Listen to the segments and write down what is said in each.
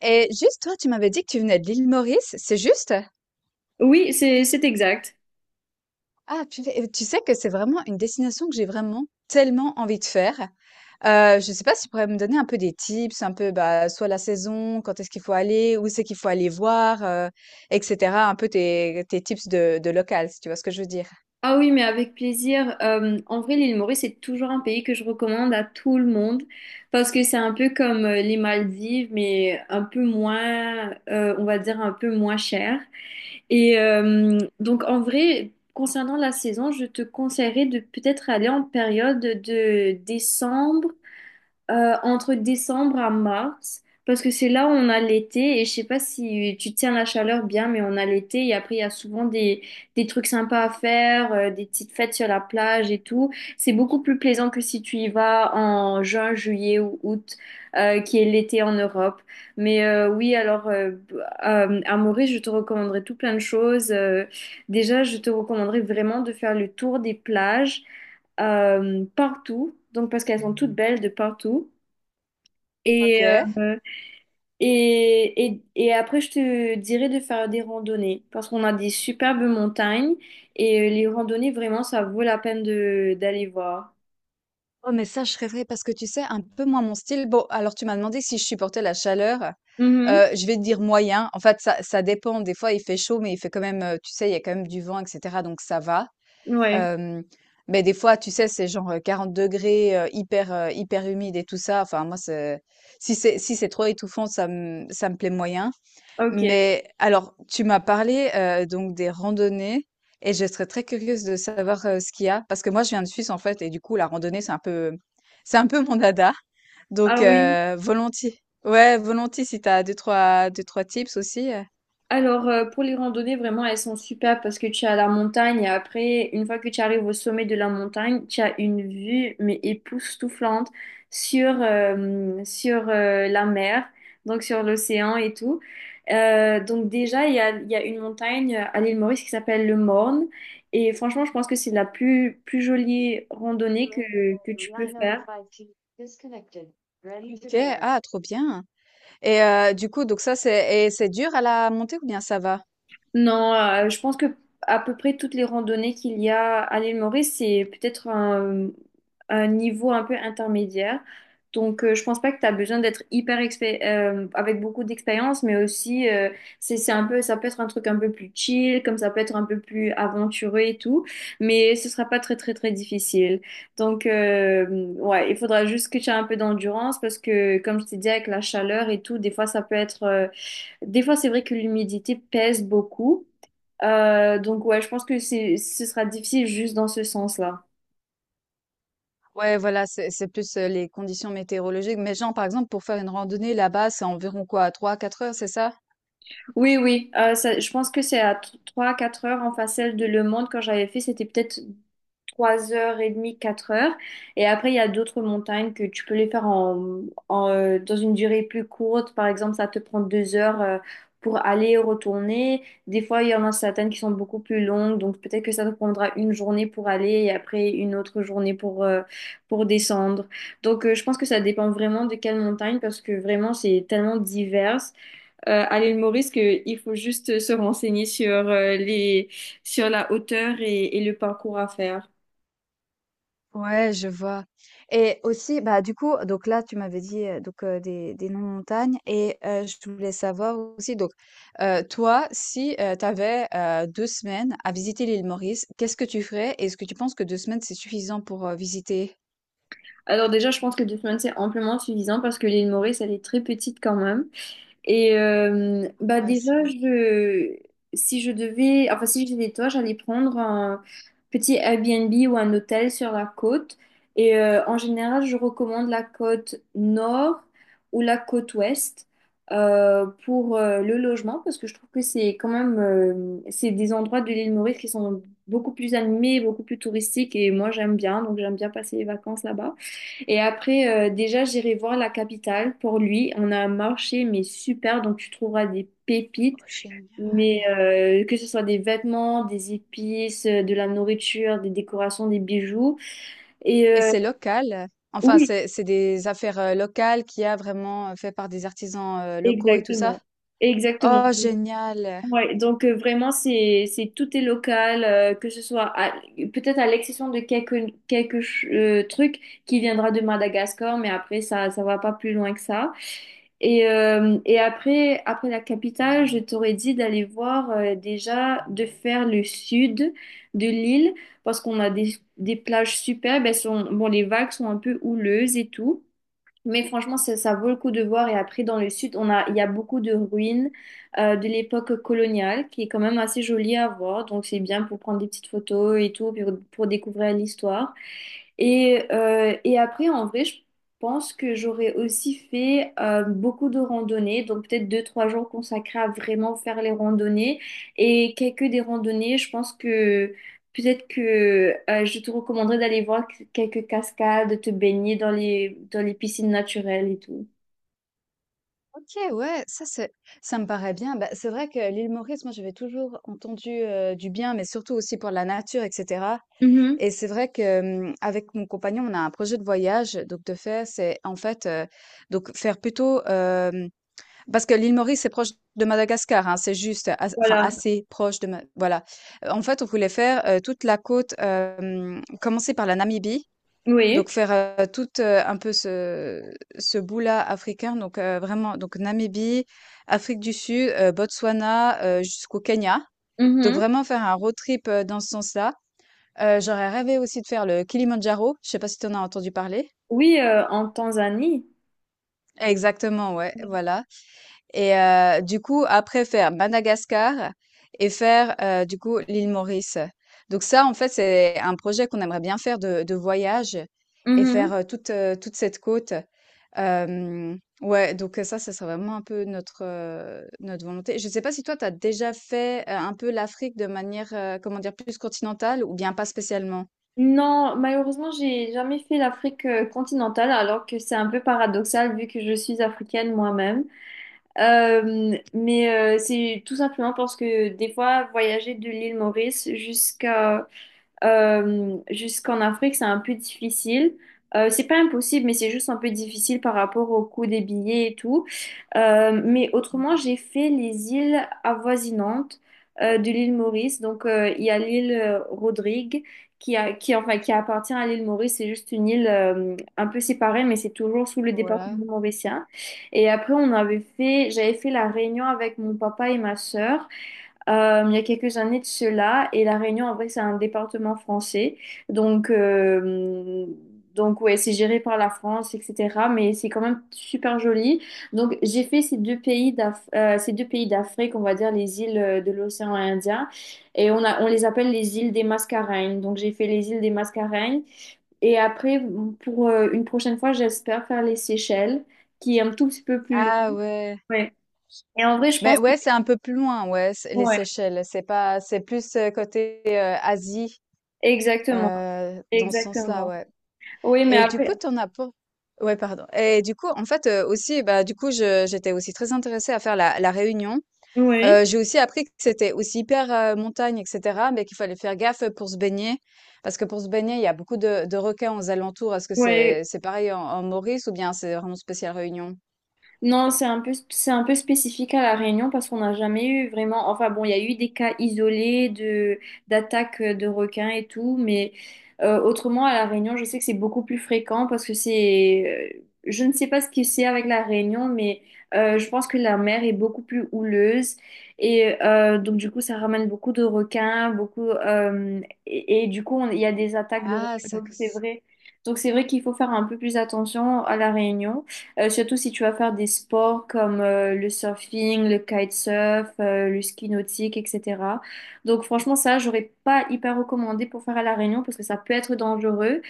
Et juste, toi, tu m'avais dit que tu venais de l'île Maurice, c'est juste? Oui, c'est exact. Ah, purée, tu sais que c'est vraiment une destination que j'ai vraiment tellement envie de faire. Je sais pas si tu pourrais me donner un peu des tips, un peu bah, soit la saison, quand est-ce qu'il faut aller, où c'est qu'il faut aller voir, etc. Un peu tes tips de local, si tu vois ce que je veux dire. Ah oui, mais avec plaisir. En vrai, l'île Maurice, c'est toujours un pays que je recommande à tout le monde parce que c'est un peu comme les Maldives, mais un peu moins, on va dire un peu moins cher. Et donc, en vrai, concernant la saison, je te conseillerais de peut-être aller en période de décembre, entre décembre à mars, parce que c'est là où on a l'été, et je sais pas si tu tiens la chaleur bien, mais on a l'été, et après il y a souvent des trucs sympas à faire, des petites fêtes sur la plage et tout. C'est beaucoup plus plaisant que si tu y vas en juin, juillet ou août, qui est l'été en Europe. Mais oui, alors à Maurice, je te recommanderais tout plein de choses. Déjà, je te recommanderais vraiment de faire le tour des plages partout, donc parce qu'elles sont toutes belles de partout. Et, Ok. euh, et après, je te dirais de faire des randonnées parce qu'on a des superbes montagnes et les randonnées, vraiment, ça vaut la peine de d'aller voir. Oh, mais ça, je rêverais parce que tu sais, un peu moins mon style. Bon, alors tu m'as demandé si je supportais la chaleur. Mhm. Je vais te dire moyen. En fait, ça dépend. Des fois, il fait chaud, mais il fait quand même, tu sais, il y a quand même du vent, etc. Donc, ça va. Ouais, Euh, mais des fois, tu sais, c'est genre 40 degrés, hyper humide et tout ça. Enfin, moi, si c'est, si c'est trop étouffant, ça me plaît moyen. ok. Mais alors, tu m'as parlé, donc des randonnées et je serais très curieuse de savoir, ce qu'il y a parce que moi je viens de Suisse en fait et du coup la randonnée c'est un peu, c'est un peu mon dada donc Ah oui. Volontiers. Ouais, volontiers si t'as deux trois tips aussi. Alors, pour les randonnées, vraiment, elles sont super parce que tu es à la montagne et après, une fois que tu arrives au sommet de la montagne, tu as une vue, mais époustouflante sur, la mer, donc sur l'océan et tout. Donc déjà, il y a une montagne à l'île Maurice qui s'appelle le Morne et franchement, je pense que c'est la plus jolie randonnée que tu peux faire. OK, ah trop bien. Et du coup donc ça c'est, et c'est dur à la montée ou bien ça va? Non, je pense que à peu près toutes les randonnées qu'il y a à l'île Maurice, c'est un niveau un peu intermédiaire. Donc, je pense pas que tu as besoin d'être avec beaucoup d'expérience, mais aussi c'est un peu, ça peut être un truc un peu plus chill, comme ça peut être un peu plus aventureux et tout, mais ce sera pas très très très difficile. Donc ouais, il faudra juste que tu aies un peu d'endurance parce que comme je t'ai dit avec la chaleur et tout, des fois ça peut être des fois c'est vrai que l'humidité pèse beaucoup. Donc ouais, je pense que ce sera difficile juste dans ce sens-là. Ouais, voilà, c'est plus les conditions météorologiques. Mais genre, par exemple, pour faire une randonnée là-bas, c'est environ quoi, 3 quatre heures, c'est ça? Oui, oui, je pense que c'est à trois quatre heures en facial de Le Monde. Quand j'avais fait, c'était peut-être 3 heures et demie, 4 heures. Et après, il y a d'autres montagnes que tu peux les faire dans une durée plus courte. Par exemple, ça te prend 2 heures pour aller et retourner. Des fois, il y en a certaines qui sont beaucoup plus longues. Donc, peut-être que ça te prendra une journée pour aller et après une autre journée pour descendre. Donc, je pense que ça dépend vraiment de quelle montagne parce que vraiment, c'est tellement divers. À l'île Maurice, que il faut juste se renseigner sur, sur la hauteur et le parcours à faire. Ouais, je vois, et aussi, bah, du coup, donc là, tu m'avais dit, des noms de montagnes et je voulais savoir aussi donc, toi, si, tu avais, semaines à visiter l'île Maurice, qu'est-ce que tu ferais? Et est-ce que tu penses que 2 semaines, c'est suffisant pour, visiter? Alors déjà, je pense que deux semaines, c'est amplement suffisant parce que l'île Maurice, elle est très petite quand même. Et euh, bah Ouais, déjà, c'est vrai. je, Si je devais, enfin si j'étais toi, j'allais prendre un petit Airbnb ou un hôtel sur la côte. En général, je recommande la côte nord ou la côte ouest pour le logement parce que je trouve que c'est des endroits de l'île Maurice qui sont beaucoup plus animés, beaucoup plus touristiques. Et moi, j'aime bien, donc j'aime bien passer les vacances là-bas. Et après, déjà, j'irai voir la capitale pour lui. On a un marché, mais super, donc tu trouveras des pépites, Oh, mais génial. Que ce soit des vêtements, des épices, de la nourriture, des décorations, des bijoux. Et Et euh, c'est local? Enfin, oui, c'est des affaires, locales qu'il y a vraiment, fait par des artisans, locaux et tout ça? exactement. Exactement. Oh, génial! Ouais, donc vraiment c'est tout est local, que ce soit à-, peut-être à l'exception de quelques quelques trucs qui viendra de Madagascar, mais après ça va pas plus loin que ça. Et après la capitale, je t'aurais dit d'aller voir, déjà de faire le sud de l'île parce qu'on a des plages superbes, elles sont bon les vagues sont un peu houleuses et tout. Mais franchement, ça vaut le coup de voir. Et après, dans le sud, il y a beaucoup de ruines de l'époque coloniale qui est quand même assez jolie à voir. Donc, c'est bien pour prendre des petites photos et tout, puis pour découvrir l'histoire. Et après, en vrai, je pense que j'aurais aussi fait beaucoup de randonnées, donc peut-être deux, trois jours consacrés à vraiment faire les randonnées. Et quelques des randonnées, je pense que peut-être que je te recommanderais d'aller voir quelques cascades, de te baigner dans dans les piscines naturelles et tout. OK, ouais, ça me paraît bien. Bah, c'est vrai que l'île Maurice, moi j'avais toujours entendu, du bien, mais surtout aussi pour la nature et cetera, Mhm. et c'est vrai que, hem, avec mon compagnon, on a un projet de voyage, donc de fait, c'est en fait, donc faire plutôt, hem, parce que l'île Maurice, c'est proche de Madagascar, hein, c'est juste as enfin Voilà. assez proche de Ma voilà. En fait, on voulait faire, toute la côte, hem, commencer par la Namibie, Oui. donc faire, un peu ce bout-là africain, donc vraiment donc Namibie, Afrique du Sud, Botswana, jusqu'au Kenya. Donc Mhm. vraiment faire un road trip, dans ce sens-là. J'aurais rêvé aussi de faire le Kilimandjaro, je sais pas si tu en as entendu parler? Oui, en Tanzanie. Exactement, ouais, voilà. Et du coup, après faire Madagascar et faire, du coup, l'île Maurice. Donc ça, en fait, c'est un projet qu'on aimerait bien faire de voyage et Mhm. faire, toute cette côte. Hem, ouais, donc ça, ça serait vraiment un peu notre, notre volonté. Je ne sais pas si toi, tu as déjà fait, un peu l'Afrique de manière, comment dire? Plus continentale ou bien pas spécialement? Non, malheureusement, j'ai jamais fait l'Afrique continentale, alors que c'est un peu paradoxal vu que je suis africaine moi-même. Mais c'est tout simplement parce que des fois, voyager de l'île Maurice jusqu'en Afrique, c'est un peu difficile. C'est pas impossible, mais c'est juste un peu difficile par rapport au coût des billets et tout. Mais autrement, j'ai fait les îles avoisinantes de l'île Maurice. Donc, il y a l'île Rodrigue qui, enfin, qui appartient à l'île Maurice. C'est juste une île un peu séparée, mais c'est toujours sous le Voilà. département mauricien. Et après, j'avais fait la Réunion avec mon papa et ma sœur il y a quelques années de cela. Et La Réunion, en vrai, c'est un département français. Donc, euh, donc ouais, c'est géré par la France, etc. Mais c'est quand même super joli. Donc, j'ai fait ces ces deux pays d'Afrique, on va dire les îles de l'océan Indien. On les appelle les îles des Mascareignes. Donc, j'ai fait les îles des Mascareignes. Et après, pour une prochaine fois, j'espère faire les Seychelles, qui est un tout petit peu plus loin. Ah ouais. Ouais. Et en vrai, je Mais pense que… ouais, c'est un peu plus loin, ouais, c'est les Ouais, Seychelles. C'est pas c'est plus, côté, Asie. exactement, Dans ce sens-là, exactement. ouais. Oui, mais Et du coup, après, tu en as pas ouais, pardon. Et du coup, en fait, aussi, bah, du coup, je j'étais aussi très intéressée à faire la réunion. oui, J'ai aussi appris que c'était aussi hyper, montagne et cetera, mais qu'il fallait faire gaffe, pour se baigner. Parce que pour se baigner, il y a beaucoup de requins aux alentours. Est-ce que oui. C'est pareil en en Maurice ou bien c'est vraiment spécial Réunion? Non, c'est un peu spécifique à La Réunion parce qu'on n'a jamais eu vraiment. Enfin bon, il y a eu des cas isolés de d'attaques de requins et tout, mais autrement à La Réunion, je sais que c'est beaucoup plus fréquent parce que c'est… je ne sais pas ce que c'est avec La Réunion, mais je pense que la mer est beaucoup plus houleuse et donc du coup ça ramène beaucoup de requins, et du coup il y a des attaques de Ah, requins. ça. Donc c'est Cause- vrai. Donc c'est vrai qu'il faut faire un peu plus attention à La Réunion. Surtout si tu vas faire des sports comme le surfing, le kitesurf, le ski nautique, etc. Donc franchement, ça, j'aurais pas hyper recommandé pour faire à La Réunion parce que ça peut être dangereux.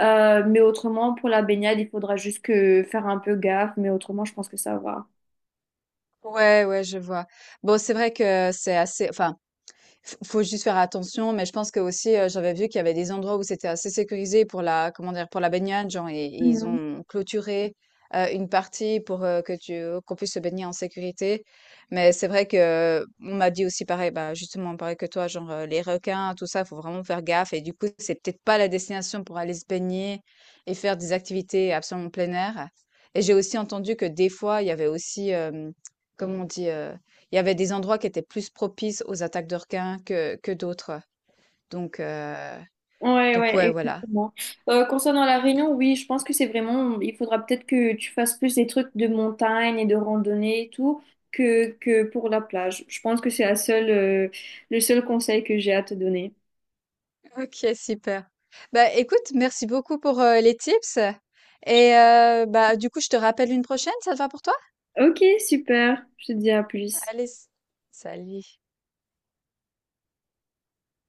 Mais autrement, pour la baignade, il faudra juste que faire un peu gaffe. Mais autrement, je pense que ça va. Ouais, ouais, je vois. Bon, c'est vrai que c'est assez. Enfin, F faut juste faire attention, mais je pense que aussi, j'avais vu qu'il y avait des endroits où c'était assez sécurisé pour la comment dire? Pour la baignade, genre et ils ont clôturé, une partie pour, que tu qu'on puisse se baigner en sécurité. Mais c'est vrai que on m'a dit aussi pareil, bah, justement pareil que toi, genre, les requins, tout ça, faut vraiment faire gaffe et du coup, c'est peut-être pas la destination pour aller se baigner et faire des activités absolument plein air. Et j'ai aussi entendu que des fois, il y avait aussi, hem, comment on dit? Il y avait des endroits qui étaient plus propices aux attaques de requins que d'autres. Donc, euh, Ouais, donc, ouais, ouais, voilà. exactement. Concernant la Réunion, oui, je pense que c'est vraiment, il faudra peut-être que tu fasses plus des trucs de montagne et de randonnée et tout que pour la plage. Je pense que c'est la seule, Le seul conseil que j'ai à te donner. Ok, super. Bah écoute, merci beaucoup pour les tips. Et bah du coup, je te rappelle une prochaine, ça te va pour toi? Ok, super. Je te dis à plus. Allez, s- salut.